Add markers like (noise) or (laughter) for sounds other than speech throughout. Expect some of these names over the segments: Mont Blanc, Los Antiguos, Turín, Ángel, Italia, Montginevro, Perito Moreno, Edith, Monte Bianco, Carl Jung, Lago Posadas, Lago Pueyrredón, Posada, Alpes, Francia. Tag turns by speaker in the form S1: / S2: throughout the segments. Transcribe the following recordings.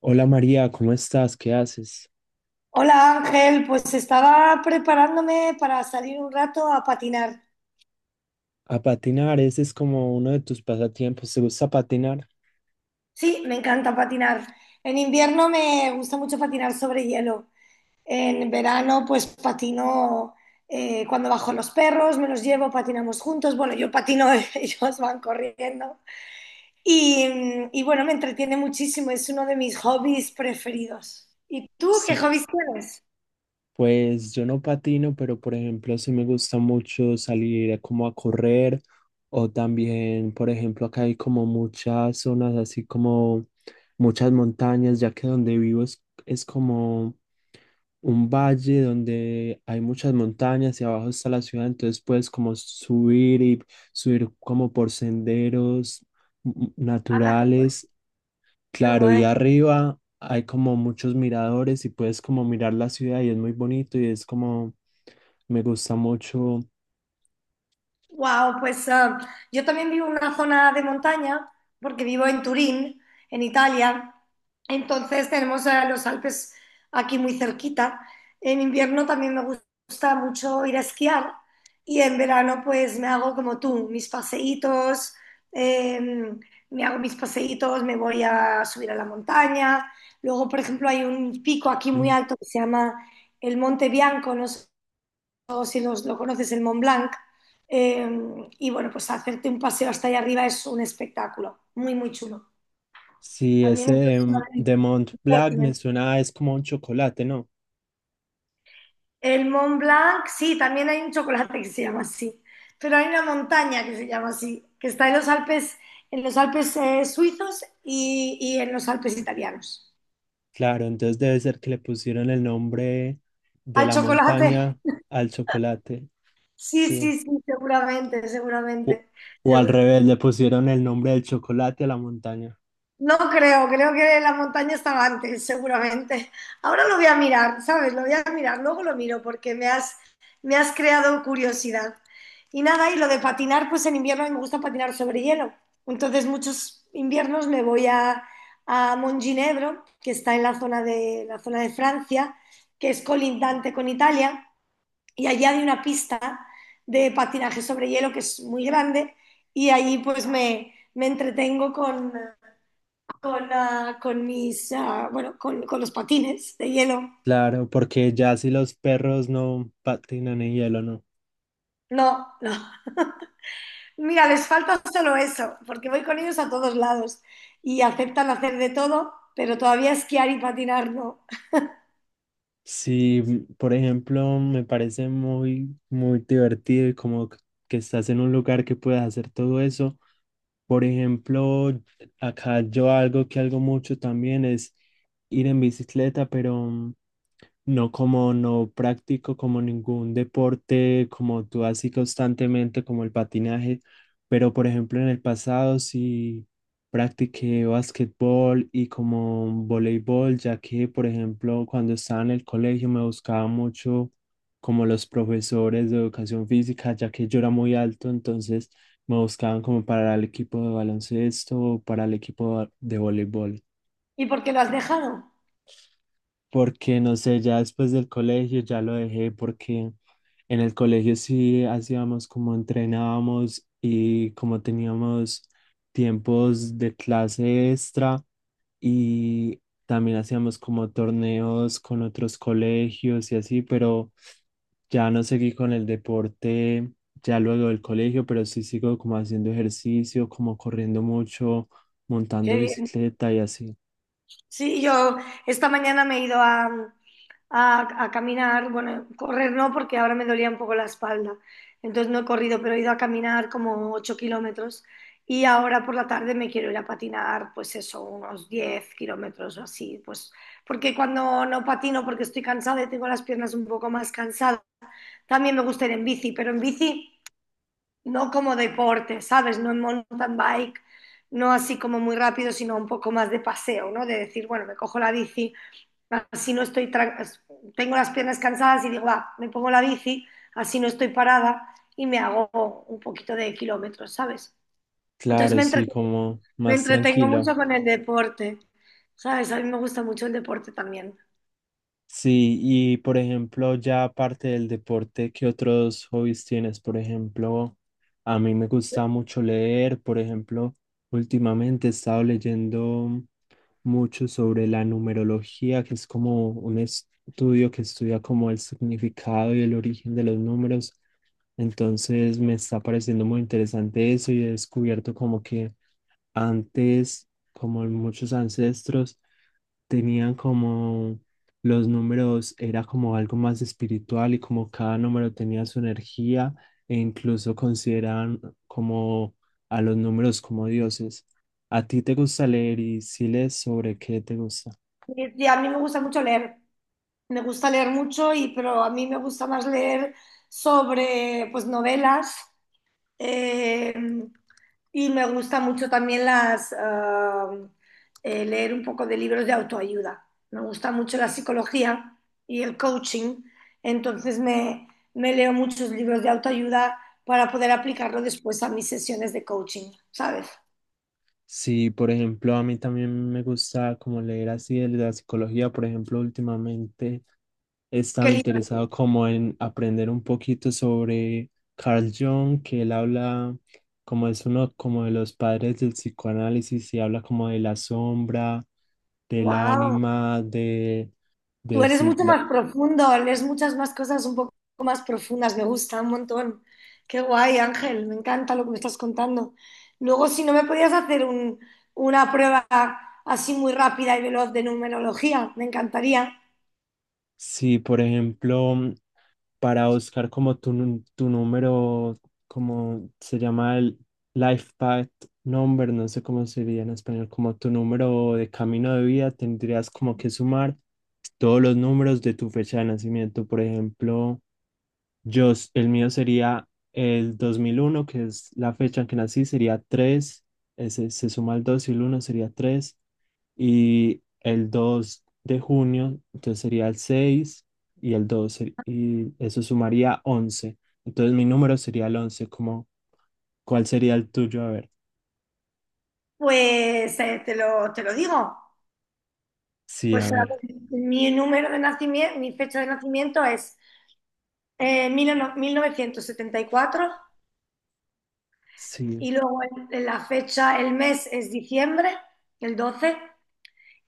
S1: Hola María, ¿cómo estás? ¿Qué haces?
S2: Hola Ángel, pues estaba preparándome para salir un rato a patinar.
S1: A patinar, ese es como uno de tus pasatiempos. ¿Te gusta patinar?
S2: Sí, me encanta patinar. En invierno me gusta mucho patinar sobre hielo. En verano pues patino cuando bajo los perros, me los llevo, patinamos juntos. Bueno, yo patino, (laughs) ellos van corriendo. Y bueno, me entretiene muchísimo, es uno de mis hobbies preferidos. ¿Y tú qué
S1: Sí.
S2: hobbies tienes?
S1: Pues yo no patino, pero por ejemplo sí me gusta mucho salir a como a correr o también, por ejemplo, acá hay como muchas zonas, así como muchas montañas, ya que donde vivo es como un valle donde hay muchas montañas y abajo está la ciudad, entonces puedes como subir y subir como por senderos
S2: ¡Hala, qué guay!
S1: naturales.
S2: Qué
S1: Claro, y
S2: guay.
S1: arriba hay como muchos miradores y puedes como mirar la ciudad y es muy bonito y es como, me gusta mucho.
S2: Wow, pues yo también vivo en una zona de montaña, porque vivo en Turín, en Italia. Entonces tenemos los Alpes aquí muy cerquita. En invierno también me gusta mucho ir a esquiar y en verano pues me hago como tú, mis paseítos, eh, me hago mis paseítos, me voy a subir a la montaña. Luego, por ejemplo, hay un pico aquí muy
S1: Mm.
S2: alto que se llama el Monte Bianco, no sé si lo conoces, el Mont Blanc. Eh, y bueno, pues hacerte un paseo hasta allá arriba es un espectáculo, muy, muy chulo.
S1: Sí,
S2: También
S1: ese
S2: esto
S1: de,
S2: es una
S1: De Mont Blanc me
S2: pertinente.
S1: suena, es como un chocolate, ¿no?
S2: El Mont Blanc, sí, también hay un chocolate que se llama así, pero hay una montaña que se llama así, que está en los Alpes suizos y en los Alpes italianos.
S1: Claro, entonces debe ser que le pusieron el nombre de
S2: Hay
S1: la
S2: chocolate,
S1: montaña al chocolate,
S2: sí,
S1: sí.
S2: sí, sí, seguramente,
S1: O,
S2: seguramente,
S1: o al
S2: seguro.
S1: revés, le pusieron el nombre del chocolate a la montaña.
S2: No creo, creo que la montaña estaba antes, seguramente. Ahora lo voy a mirar, ¿sabes? Lo voy a mirar, luego lo miro porque me has creado curiosidad. Y nada, y lo de patinar, pues en invierno a mí me gusta patinar sobre hielo. Entonces muchos inviernos me voy a Montginevro, que está en la zona de Francia, que es colindante con Italia, y allí hay una pista de patinaje sobre hielo que es muy grande y allí pues me entretengo con mis, bueno, con los patines de hielo.
S1: Claro, porque ya si los perros no patinan en hielo, ¿no?
S2: No, no. Mira, les falta solo eso, porque voy con ellos a todos lados y aceptan hacer de todo, pero todavía esquiar y patinar no.
S1: Sí, por ejemplo, me parece muy, muy divertido y como que estás en un lugar que puedas hacer todo eso. Por ejemplo, acá yo algo que hago mucho también es ir en bicicleta, pero no, como no practico como ningún deporte como tú así constantemente como el patinaje, pero por ejemplo en el pasado sí practiqué basquetbol y como voleibol, ya que por ejemplo cuando estaba en el colegio me buscaba mucho como los profesores de educación física, ya que yo era muy alto, entonces me buscaban como para el equipo de baloncesto o para el equipo de voleibol
S2: ¿Y por qué lo has dejado?
S1: porque no sé, ya después del colegio ya lo dejé porque en el colegio sí hacíamos como entrenábamos y como teníamos tiempos de clase extra y también hacíamos como torneos con otros colegios y así, pero ya no seguí con el deporte ya luego del colegio, pero sí sigo como haciendo ejercicio, como corriendo mucho, montando
S2: Qué bien.
S1: bicicleta y así.
S2: Sí, yo esta mañana me he ido a, a caminar, bueno, correr no, porque ahora me dolía un poco la espalda, entonces no he corrido, pero he ido a caminar como 8 kilómetros y ahora por la tarde me quiero ir a patinar, pues eso, unos 10 kilómetros o así, pues porque cuando no patino, porque estoy cansada y tengo las piernas un poco más cansadas, también me gusta ir en bici, pero en bici no como deporte, ¿sabes? No en mountain bike, no así como muy rápido, sino un poco más de paseo, ¿no? De decir, bueno, me cojo la bici, así no estoy, tengo las piernas cansadas y digo, va, me pongo la bici, así no estoy parada y me hago un poquito de kilómetros, ¿sabes? Entonces
S1: Claro, sí, como
S2: me
S1: más
S2: entretengo
S1: tranquilo.
S2: mucho con el deporte, ¿sabes? A mí me gusta mucho el deporte también.
S1: Sí, y por ejemplo, ya aparte del deporte, ¿qué otros hobbies tienes? Por ejemplo, a mí me gusta mucho leer, por ejemplo, últimamente he estado leyendo mucho sobre la numerología, que es como un estudio que estudia como el significado y el origen de los números. Entonces me está pareciendo muy interesante eso y he descubierto como que antes, como muchos ancestros, tenían como los números, era como algo más espiritual y como cada número tenía su energía e incluso consideraban como a los números como dioses. ¿A ti te gusta leer y si lees sobre qué te gusta?
S2: Y a mí me gusta mucho leer, me gusta leer mucho, y, pero a mí me gusta más leer sobre, pues, novelas Eh, y me gusta mucho también leer un poco de libros de autoayuda. Me gusta mucho la psicología y el coaching, entonces me leo muchos libros de autoayuda para poder aplicarlo después a mis sesiones de coaching, ¿sabes?
S1: Sí, por ejemplo, a mí también me gusta como leer así de la psicología, por ejemplo, últimamente he
S2: ¡Qué
S1: estado interesado
S2: libro!
S1: como en aprender un poquito sobre Carl Jung, que él habla como es uno como de los padres del psicoanálisis y habla como de la sombra, del
S2: ¡Wow!
S1: ánima,
S2: Tú
S1: de
S2: eres
S1: si,
S2: mucho más profundo, lees muchas más cosas un poco más profundas, me gusta un montón. Qué guay, Ángel, me encanta lo que me estás contando. Luego, si no me podías hacer una prueba así muy rápida y veloz de numerología, me encantaría.
S1: si, por ejemplo, para buscar como tu, tu número, como se llama el life path number, no sé cómo sería en español, como tu número de camino de vida, tendrías como que sumar todos los números de tu fecha de nacimiento. Por ejemplo, yo, el mío sería el 2001 que es la fecha en que nací, sería 3, ese, se suma el 2 y el 1 sería 3 y el 2 de junio, entonces sería el 6 y el 2, y eso sumaría once. Entonces mi número sería el 11. Como, ¿cuál sería el tuyo? A ver,
S2: Pues te lo digo.
S1: sí, a
S2: Pues a
S1: ver,
S2: ver, mi número de nacimiento, mi fecha de nacimiento es 1974 y cuatro
S1: sí.
S2: y luego la fecha, el mes es diciembre, el 12.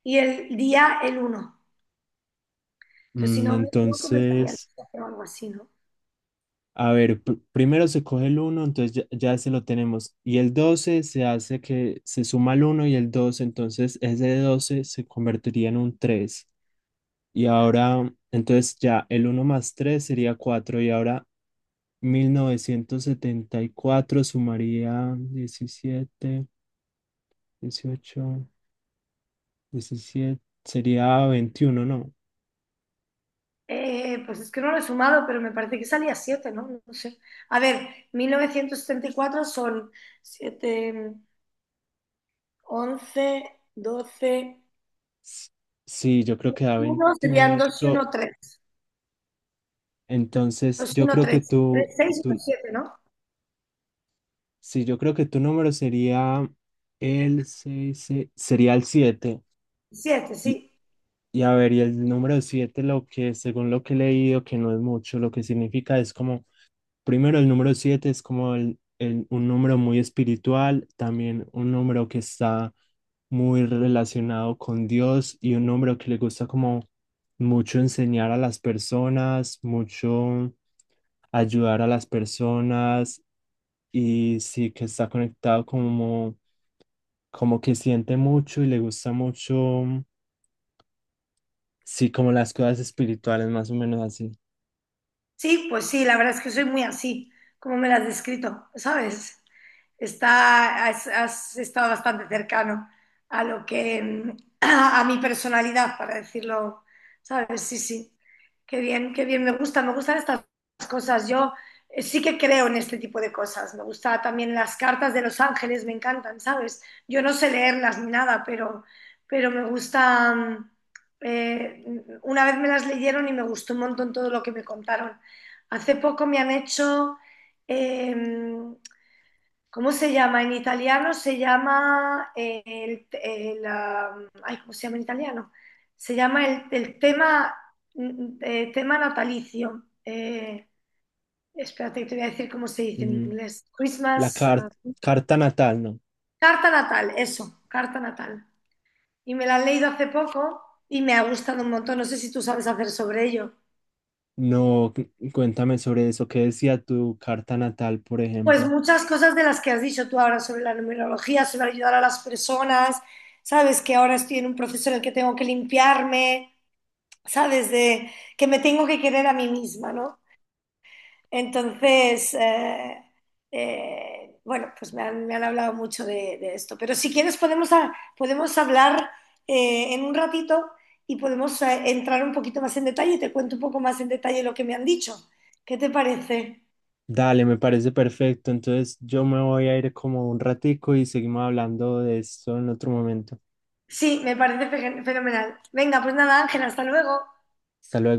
S2: Y el día el uno. Entonces, si
S1: Mm,
S2: no me equivoco, me salía el
S1: entonces...
S2: 7 o algo así, ¿no?
S1: A ver, primero se coge el uno entonces ya, ya ese lo tenemos. Y el doce se hace que se suma el uno y el doce, entonces ese 12 se convertiría en un tres. Y ahora, entonces ya el uno más 3 sería cuatro. Y ahora 1974 sumaría diecisiete, dieciocho, diecisiete sería veintiuno, ¿no?
S2: Pues es que no lo he sumado, pero me parece que salía siete, ¿no? No sé. A ver, 1974 son siete, once, doce,
S1: S- Sí, yo creo que da
S2: uno serían
S1: 21
S2: 2 y uno tres,
S1: Entonces,
S2: 2 y
S1: yo
S2: 1,
S1: creo que
S2: 3 3,
S1: tú,
S2: 6 y uno
S1: tú,
S2: siete, ¿no?
S1: sí, yo creo que tu número sería el seis, sería el siete.
S2: Siete,
S1: Y,
S2: sí.
S1: y a ver, y el número 7 lo que, según lo que he leído, que no es mucho, lo que significa es como, primero, el número 7 es como un número muy espiritual, también un número que está muy relacionado con Dios y un número que le gusta como mucho enseñar a las personas, mucho ayudar a las personas y sí que está conectado como, como que siente mucho y le gusta mucho, sí, como las cosas espirituales, más o menos así.
S2: Sí, pues sí, la verdad es que soy muy así, como me la has descrito, ¿sabes? Has estado bastante cercano a lo que, (clears throat) a, mi personalidad, para decirlo, ¿sabes? Sí, sí. Qué bien, me gusta, me gustan estas cosas. Yo sí que creo en este tipo de cosas. Me gusta también las cartas de los ángeles, me encantan, ¿sabes? Yo no sé leerlas ni nada, pero me gusta. Eh, una vez me las leyeron y me gustó un montón todo lo que me contaron. Hace poco me han hecho, eh, ¿cómo se llama? En italiano se llama ¿cómo se llama en italiano? Se llama el tema natalicio. Espérate, te voy a decir cómo se dice en
S1: Mm,
S2: inglés.
S1: La
S2: Christmas,
S1: car- carta natal, ¿no?
S2: carta natal, eso, carta natal. Y me la han leído hace poco y me ha gustado un montón. No sé si tú sabes hacer sobre ello.
S1: No, cuéntame sobre eso. ¿Qué decía tu carta natal, por
S2: Pues
S1: ejemplo?
S2: muchas cosas de las que has dicho tú ahora sobre la numerología, sobre ayudar a las personas, sabes que ahora estoy en un proceso en el que tengo que limpiarme, sabes de que me tengo que querer a mí misma, ¿no? Entonces, bueno, pues me han hablado mucho de esto, pero si quieres podemos hablar en un ratito y podemos entrar un poquito más en detalle, te cuento un poco más en detalle lo que me han dicho. ¿Qué te parece?
S1: Dale, me parece perfecto. Entonces yo me voy a ir como un ratico y seguimos hablando de esto en otro momento.
S2: Sí, me parece fenomenal. Venga, pues nada, Ángel, hasta luego.
S1: Hasta luego.